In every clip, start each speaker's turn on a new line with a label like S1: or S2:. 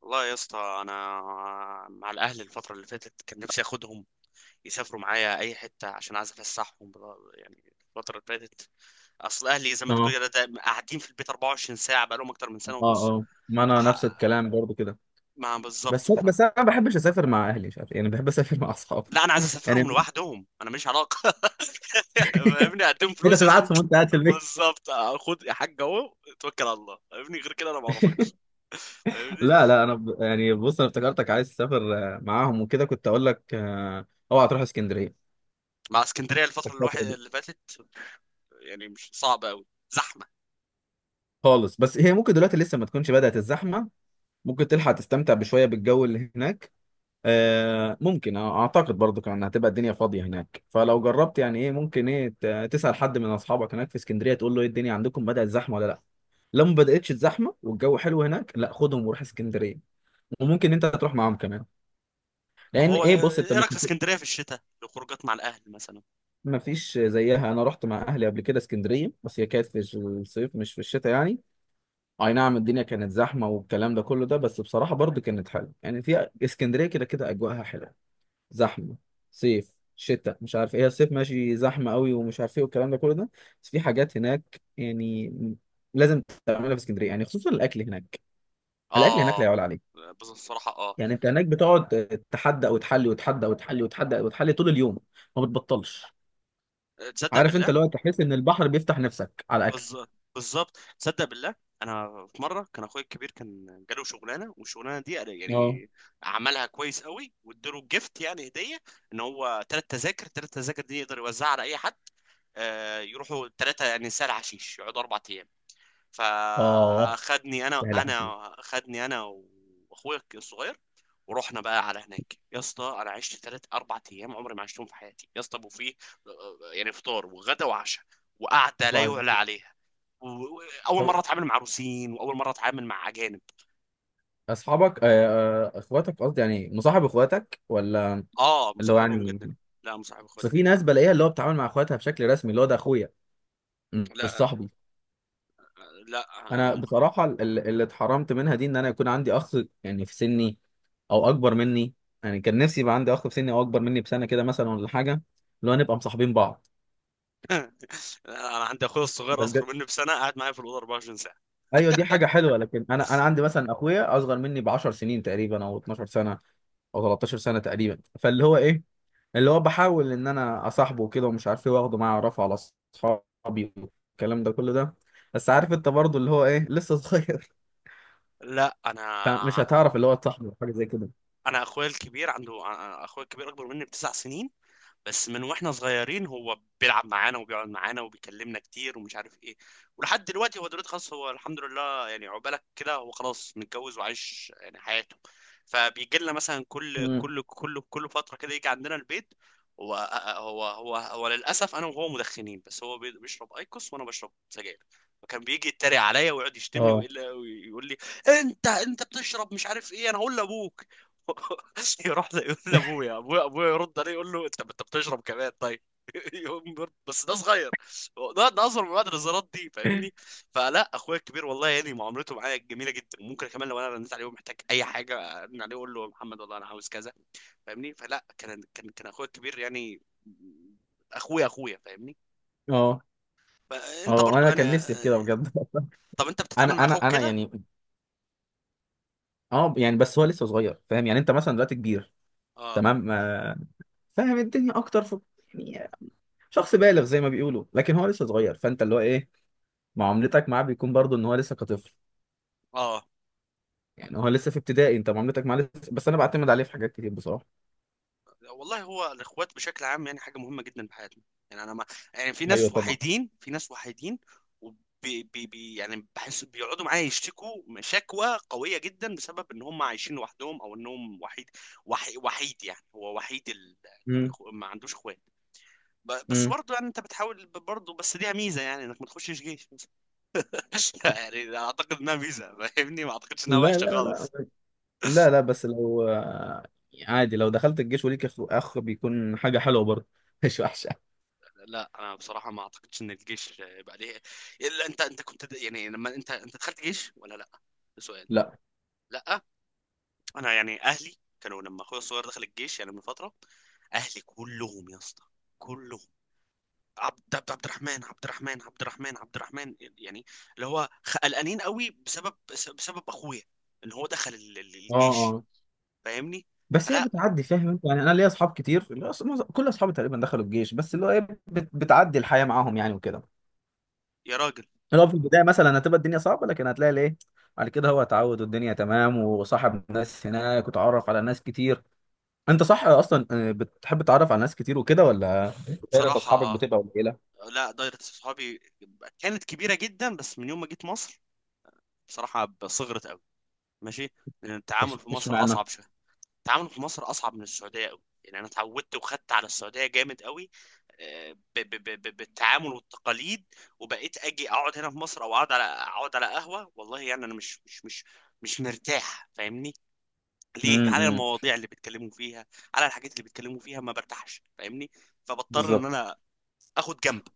S1: والله يا اسطى انا مع الاهل الفتره اللي فاتت كان نفسي اخدهم يسافروا معايا اي حته عشان عايز افسحهم الفتره اللي فاتت. اصل اهلي زي ما
S2: اه
S1: تقول كده دايما قاعدين في البيت 24 ساعه، بقالهم اكتر من
S2: اه
S1: سنه ونص.
S2: اه ما انا
S1: فح...
S2: نفس الكلام برضو كده.
S1: ما بالظبط
S2: بس
S1: ف...
S2: بس انا ما بحبش اسافر مع اهلي، مش عارف، يعني بحب اسافر مع اصحابي.
S1: لا، انا عايز اسافرهم
S2: يعني
S1: لوحدهم، انا ماليش علاقه. فاهمني، اديهم
S2: انت
S1: فلوس
S2: تبعتهم وانت قاعد في البيت.
S1: بالظبط خد يا حاج اهو، توكل على الله. فاهمني، غير كده انا ما اعرفش. فاهمني.
S2: لا لا، انا يعني بص انا افتكرتك عايز تسافر معاهم وكده. كنت اقول لك اوعى تروح اسكندريه
S1: مع اسكندريه الفتره اللي واحد
S2: الفترة دي
S1: اللي فاتت، يعني مش صعبه قوي.
S2: خالص. بس هي ممكن دلوقتي لسه ما تكونش بدأت الزحمه، ممكن تلحق تستمتع بشويه بالجو اللي هناك. آه ممكن آه، اعتقد برضو كان هتبقى الدنيا فاضيه هناك، فلو جربت، يعني ايه، ممكن ايه تسال حد من اصحابك هناك في اسكندريه، تقول له ايه الدنيا عندكم بدات زحمه ولا لا. لو ما بداتش الزحمه والجو حلو هناك، لا خدهم وروح اسكندريه. وممكن انت تروح معاهم كمان،
S1: طب
S2: لان
S1: هو
S2: ايه بص انت
S1: ايه
S2: مش.
S1: رايك في اسكندريه في الشتاء لخروجات مع الاهل مثلا؟
S2: ما فيش زيها، انا رحت مع اهلي قبل كده اسكندريه، بس هي كانت في الصيف مش في الشتاء، يعني اي نعم الدنيا كانت زحمه والكلام ده كله ده، بس بصراحه برضو كانت حلوه. يعني في اسكندريه كده كده اجواءها حلوه. زحمه، صيف شتاء مش عارف ايه، الصيف ماشي زحمه قوي ومش عارف ايه والكلام ده كله ده. بس في حاجات هناك يعني لازم تعملها في اسكندريه، يعني خصوصا الاكل هناك. الاكل هناك لا
S1: اه.
S2: يعلى عليه.
S1: بصراحه اه.
S2: يعني انت هناك بتقعد تحدى وتحلي وتحدى وتحلي وتحدى وتحلي طول اليوم، ما بتبطلش.
S1: تصدق
S2: عارف انت،
S1: بالله؟
S2: لو تحس ان البحر بيفتح نفسك على الاكل.
S1: بز- بالظبط، تصدق بالله. انا في مره كان اخويا الكبير كان جاله شغلانه، والشغلانه دي أنا
S2: اه
S1: يعني عملها كويس قوي، واداله جيفت يعني هديه. ان هو ثلاث تذاكر دي يقدر يوزعها على اي حد. يروحوا 3 يعني سهل حشيش، يقعدوا 4 ايام.
S2: اه،
S1: فاخدني انا
S2: يا لحظة.
S1: انا خدني انا واخويا الصغير. ورحنا بقى على هناك يا اسطى، انا عشت 3 4 ايام عمري ما عشتهم في حياتي يا اسطى. وفيه يعني فطار وغدا وعشاء وقعده لا يعلى عليها. و- واول مره
S2: طب
S1: اتعامل مع روسيين، واول مره اتعامل مع اجانب.
S2: اصحابك اخواتك قصدي، يعني مصاحب اخواتك ولا؟
S1: اه،
S2: اللي هو
S1: مصاحبهم
S2: يعني
S1: جدا. لا، مصاحب
S2: بس
S1: اخواتي
S2: في
S1: جدا.
S2: ناس بلاقيها اللي هو بتتعامل مع اخواتها بشكل رسمي، اللي هو ده اخويا، مش
S1: لا
S2: صاحبي.
S1: لا
S2: انا
S1: هم.
S2: بصراحه اللي اتحرمت منها دي ان انا يكون عندي اخ يعني في سني او اكبر مني. يعني كان نفسي يبقى عندي اخ في سني او اكبر مني بسنه كده مثلا ولا حاجه، اللي هو نبقى مصاحبين بعض.
S1: لا، انا عندي اخويا الصغير
S2: ده بجد؟
S1: اصغر مني بسنة قاعد معايا في الاوضه 24 ساعه.
S2: ايوه، دي حاجه حلوه. لكن انا عندي مثلا اخويا اصغر مني ب 10 سنين تقريبا، او 12 سنه او 13 سنه تقريبا. فاللي هو ايه، اللي هو بحاول ان انا اصاحبه وكده ومش عارف ايه، واخده معايا اعرفه على اصحابي والكلام ده كله ده. بس عارف انت برضه، اللي هو ايه، لسه صغير
S1: لا انا
S2: فمش هتعرف اللي هو تصاحبه أو حاجه زي كده.
S1: انا اخويا الكبير اخويا الكبير اكبر مني بـ 9 سنين. بس من واحنا صغيرين هو بيلعب معانا وبيقعد معانا وبيكلمنا كتير ومش عارف ايه. ولحد دلوقتي هو دلوقتي خلاص، هو الحمد لله يعني عقبالك كده، هو خلاص متجوز وعايش يعني حياته. فبيجي لنا مثلا كل
S2: امم،
S1: كل كل كل فترة كده يجي عندنا البيت. هو هو للاسف انا وهو مدخنين، بس هو بيشرب ايكوس وانا بشرب سجاير. وكان بيجي يتريق عليا ويقعد يشتمني،
S2: اه
S1: ويقول لي: انت بتشرب مش عارف ايه، انا هقول لابوك. يروح يقول لابويا ابويا ابويا، يرد عليه يقول له: انت بتشرب كمان طيب. يقوم يرد: بس ده صغير، ده اصغر. من بعد النظارات دي فاهمني. فلا، اخويا الكبير والله يعني معاملته معايا جميله جدا. ممكن كمان لو انا رنيت عليه ومحتاج اي حاجه ارن عليه اقول له: يا محمد والله انا عاوز كذا. فاهمني. فلا كان كان اخويا الكبير يعني اخويا فاهمني.
S2: اه
S1: فانت
S2: اه،
S1: برضو
S2: وانا
S1: يعني
S2: كان نفسي في كده بجد
S1: طب انت بتتعامل مع
S2: انا انا
S1: اخوك
S2: انا
S1: كده؟
S2: يعني، اه يعني بس هو لسه صغير. فاهم يعني، انت مثلا دلوقتي كبير،
S1: اه
S2: تمام، فاهم الدنيا اكتر في، يعني شخص بالغ زي ما بيقولوا، لكن هو لسه صغير. فانت اللي هو ايه معاملتك معاه بيكون برضه ان هو لسه كطفل.
S1: اه.
S2: يعني هو لسه في ابتدائي، انت معاملتك معاه لسه. بس انا بعتمد عليه في حاجات كتير بصراحه.
S1: والله هو الاخوات بشكل عام يعني حاجه مهمه جدا في حياتنا. يعني انا ما يعني في
S2: ايوه
S1: ناس
S2: طبعا.
S1: وحيدين، في ناس وحيدين. وبي بي بي يعني بحس بيقعدوا معايا يشتكوا شكوى قويه جدا بسبب ان هم عايشين لوحدهم او انهم وحيد. وحيد يعني هو وحيد
S2: امم
S1: ما عندوش اخوات. بس
S2: امم
S1: برضه يعني انت بتحاول برضه، بس ليها ميزه يعني انك ما تخشش جيش. يعني اعتقد انها ميزه، فاهمني، ما اعتقدش انها
S2: لا
S1: وحشه
S2: لا لا
S1: خالص.
S2: لا لا، بس لو عادي، لو دخلت الجيش وليك اخ أخ بيكون حاجه حلوه برضه مش وحشه.
S1: لا انا بصراحه ما اعتقدش ان الجيش يبقى ليه. الا انت انت كنت د- يعني لما انت انت دخلت جيش ولا لا؟ ده سؤال.
S2: لا
S1: لا انا يعني اهلي كانوا لما اخويا الصغير دخل الجيش يعني من فتره، اهلي كلهم يا اسطى كلهم عبد عبد عبد الرحمن عبد الرحمن عبد الرحمن عبد الرحمن يعني، اللي هو قلقانين قوي بسبب اخويا ان هو دخل
S2: اه
S1: الجيش،
S2: اه،
S1: فاهمني.
S2: بس هي
S1: فلا
S2: بتعدي. فاهم انت يعني، انا ليا اصحاب كتير، اللي هو كل اصحابي تقريبا دخلوا الجيش، بس اللي هو ايه بتعدي الحياه معاهم يعني وكده.
S1: يا راجل.
S2: اللي هو في البدايه مثلا هتبقى الدنيا صعبه، لكن هتلاقي الايه بعد كده هو اتعود والدنيا تمام، وصاحب ناس هناك وتعرف على ناس كتير. انت صح اصلا، بتحب تتعرف على ناس كتير وكده، ولا دايرة اصحابك
S1: بصراحه،
S2: بتبقى قليله؟
S1: لا، دايرة صحابي كانت كبيرة جدا، بس من يوم ما جيت مصر بصراحه صغرت قوي. ماشي. لان التعامل
S2: مش
S1: في
S2: مش
S1: مصر
S2: معنى.
S1: اصعب شويه. التعامل في مصر اصعب من السعوديه قوي. يعني انا اتعودت وخدت على السعوديه جامد قوي. بالتعامل والتقاليد. وبقيت اجي اقعد هنا في مصر او اقعد على قهوه، والله يعني انا مش مرتاح، فاهمني، ليه؟
S2: امم
S1: على
S2: امم.
S1: المواضيع اللي بيتكلموا فيها، على الحاجات اللي بيتكلموا فيها ما برتاحش فاهمني. فبضطر ان
S2: بالظبط.
S1: انا اخد جنب،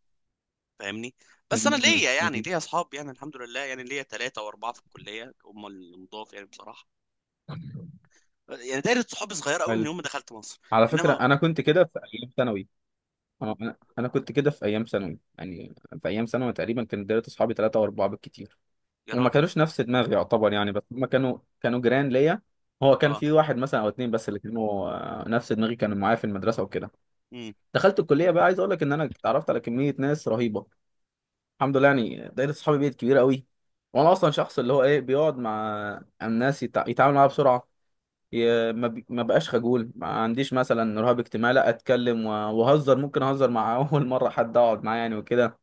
S1: فاهمني. بس انا
S2: أمم.
S1: ليا يعني
S2: امم.
S1: ليا اصحاب، يعني الحمد لله يعني ليا 3 و 4 في الكلية هم المضاف يعني بصراحة. يعني دايره صحابي صغيره قوي من
S2: حلو.
S1: يوم ما دخلت مصر.
S2: على فكره
S1: انما
S2: انا كنت كده في ايام ثانوي. اه، انا كنت كده في ايام ثانوي، يعني في ايام ثانوي تقريبا كان دايره اصحابي ثلاثه واربعه بالكتير.
S1: يا
S2: وما
S1: راجل
S2: كانوش نفس دماغي يعتبر، يعني بس هم كانوا جيران ليا. هو كان
S1: اه.
S2: في واحد مثلا او اتنين بس اللي كانوا نفس دماغي، كانوا معايا في المدرسه وكده.
S1: امم.
S2: دخلت الكليه بقى، عايز اقول لك ان انا اتعرفت على كميه ناس رهيبه. الحمد لله، يعني دايرة صحابي بقت كبيرة قوي. وانا اصلا شخص اللي هو ايه بيقعد مع الناس يتعامل معاها بسرعة. ي... ما, بي... ما بقاش خجول، ما عنديش مثلا رهاب اجتماعي، لا اتكلم وهزر، ممكن اهزر مع اول مرة حد اقعد معاه يعني وكده.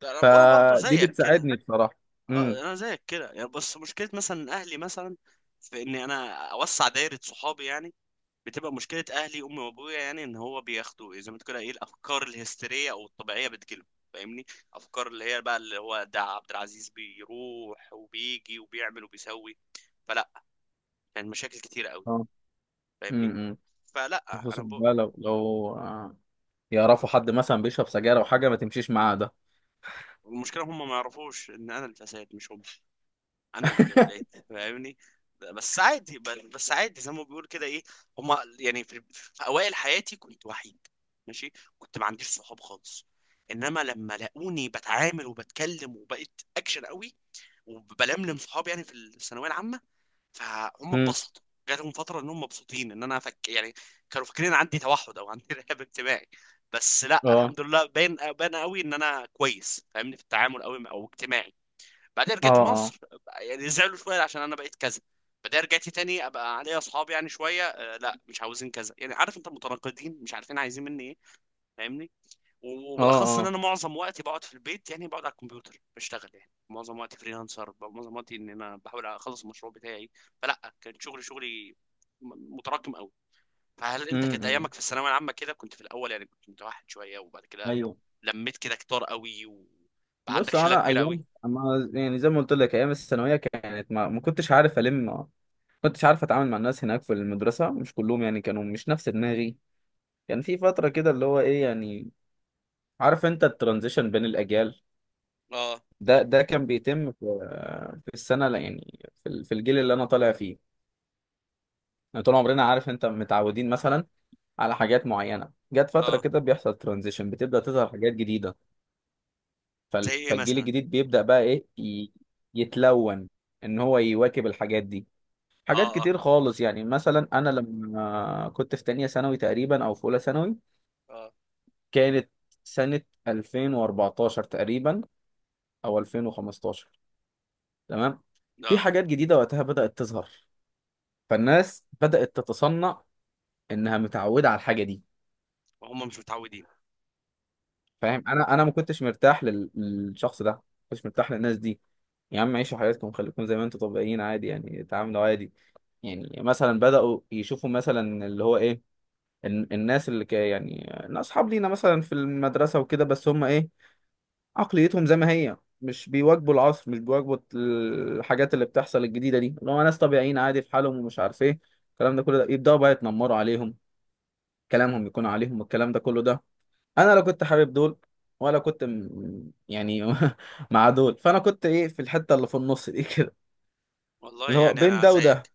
S1: ده انا أنا برضه
S2: فدي
S1: زيك كده.
S2: بتساعدني بصراحة.
S1: اه،
S2: امم
S1: انا زيك كده يعني، بس مشكله مثلا اهلي مثلا في ان انا اوسع دايره صحابي يعني بتبقى مشكله. اهلي امي وابويا يعني ان هو بياخدوا زي ما تقول كده ايه، الافكار الهستيريه او الطبيعيه بتجيلهم، فاهمني. افكار اللي هي بقى اللي هو ده عبد العزيز بيروح وبيجي وبيعمل وبيسوي. فلا يعني مشاكل كتيره قوي،
S2: اه
S1: فاهمني.
S2: امم
S1: فلا
S2: خصوصا
S1: انا بقى.
S2: بقى لو لو يعرفوا حد مثلا بيشرب سجاير او حاجة ما تمشيش معاه ده.
S1: والمشكله هم ما يعرفوش ان انا اللي اتسيد مش هم، انا اللي جاب العيد، فاهمني. بس عادي ب- بس عادي، زي ما بيقول كده ايه. هم يعني في، في اوائل حياتي كنت وحيد، ماشي، كنت ما عنديش صحاب خالص. انما لما لاقوني بتعامل وبتكلم وبقيت اكشن قوي وبلملم صحابي يعني في الثانويه العامه، فهم
S2: امم
S1: اتبسطوا. جاتهم فتره انهم مبسوطين ان انا فك يعني، كانوا فاكرين عندي توحد او عندي رهاب اجتماعي. بس لا
S2: اه
S1: الحمد لله، باين قوي ان انا كويس، فاهمني، في التعامل قوي او اجتماعي. بعدين
S2: اه
S1: رجعت
S2: اه
S1: مصر، يعني زعلوا شويه عشان انا بقيت كذا. بعدين رجعت تاني ابقى عليا اصحاب يعني شويه لا مش عاوزين كذا. يعني عارف انت متناقضين مش عارفين عايزين مني ايه، فاهمني.
S2: اه
S1: وبالاخص ان
S2: اه
S1: انا معظم وقتي بقعد في البيت، يعني بقعد على الكمبيوتر بشتغل يعني معظم وقتي فريلانسر، معظم وقتي ان انا بحاول اخلص المشروع بتاعي. فلا كان شغلي متراكم قوي. فهل انت كانت
S2: امم
S1: ايامك في الثانويه العامه كده كنت في الاول يعني كنت متوحد شويه، وبعد كده
S2: ايوه،
S1: لميت كده كتار قوي وبقى عندك
S2: بص هو
S1: شله
S2: انا
S1: كبيره قوي؟
S2: ايام، اما يعني زي ما قلت لك ايام الثانويه كانت ما كنتش عارف، ما كنتش عارف اتعامل مع الناس هناك في المدرسه، مش كلهم يعني كانوا مش نفس دماغي. كان في فتره كده، اللي هو ايه، يعني عارف انت الترانزيشن بين الاجيال،
S1: اه
S2: ده كان بيتم في، في السنه لا يعني في الجيل اللي انا طالع فيه. يعني طول عمرنا عارف انت متعودين مثلا على حاجات معينه، جت فتره
S1: اه.
S2: كده بيحصل ترانزيشن، بتبدا تظهر حاجات جديده.
S1: زي ايه
S2: فالجيل
S1: مثلا؟
S2: الجديد بيبدا بقى ايه، يتلون، ان هو يواكب الحاجات دي. حاجات
S1: اه
S2: كتير
S1: اه
S2: خالص، يعني مثلا انا لما كنت في تانية ثانوي تقريبا او في اولى ثانوي،
S1: اه
S2: كانت سنة 2014 تقريبا او 2015، تمام. في
S1: اه.
S2: حاجات جديدة وقتها بدأت تظهر، فالناس بدأت تتصنع انها متعودة على الحاجة دي.
S1: وهم مش متعودين.
S2: فاهم، انا ما كنتش مرتاح للشخص ده، ما كنتش مرتاح للناس دي. يا عم عيشوا حياتكم، خليكم زي ما انتم طبيعيين عادي، يعني اتعاملوا عادي. يعني مثلا بدأوا يشوفوا مثلا، اللي هو ايه، الناس اللي يعني اصحاب لينا مثلا في المدرسه وكده، بس هم ايه عقليتهم زي ما هي، مش بيواجبوا العصر، مش بيواجبوا الحاجات اللي بتحصل الجديده دي، اللي هو ناس طبيعيين عادي في حالهم ومش عارف ايه الكلام ده كله ده. يبداوا بقى يتنمروا عليهم، كلامهم يكون عليهم والكلام ده كله ده. انا لو كنت حابب دول ولا كنت يعني مع دول، فانا كنت ايه في الحته اللي في النص دي كده،
S1: والله
S2: اللي هو
S1: يعني
S2: بين
S1: انا
S2: ده وده.
S1: زيك،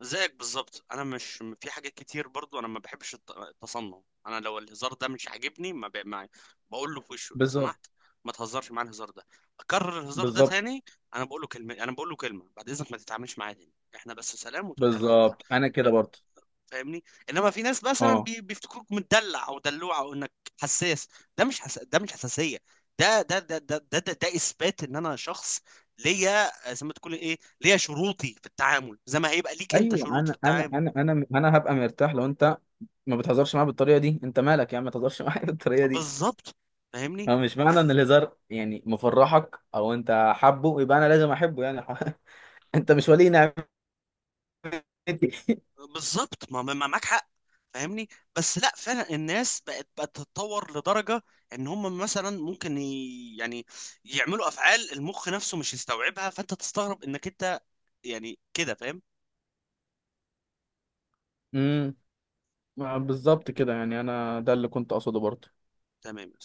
S1: زيك بالظبط. انا مش، في حاجات كتير برضو انا ما بحبش التصنع. انا لو الهزار ده مش عاجبني ما ب... ما... بقول له في وشه: لو
S2: بالظبط.
S1: سمحت ما تهزرش معايا الهزار ده، اكرر الهزار ده
S2: بالظبط،
S1: تاني. انا بقول له كلمه: بعد اذنك ما تتعاملش معايا تاني، احنا بس سلام وتوكلنا على الله،
S2: بالظبط، انا كده برضه.
S1: فاهمني. انما في ناس مثلا
S2: اه
S1: بيفتكروك مدلع او دلوع او انك حساس. ده مش حساسيه، ده اثبات ان انا شخص ليا زي ما تقول ايه، ليا شروطي في التعامل زي ما هيبقى ليك انت
S2: ايوه،
S1: شروط في
S2: انا انا
S1: التعامل.
S2: انا انا انا هبقى مرتاح لو انت ما بتهزرش معايا بالطريقه دي. انت مالك يا عم، ما تهزرش معايا بالطريقه دي.
S1: بالظبط، فاهمني.
S2: ما هو مش معنى ان الهزار يعني مفرحك او انت حابه، يبقى انا لازم احبه يعني انت مش ولي نعمتي.
S1: بالظبط معاك حق، فاهمني. بس لا فعلا الناس بقت تتطور لدرجه ان هم مثلا ممكن يعني يعملوا افعال المخ نفسه مش يستوعبها، فانت تستغرب انك انت يعني كده، فاهم؟
S2: امم، بالظبط كده، يعني انا ده اللي كنت اقصده برضه.
S1: تمام.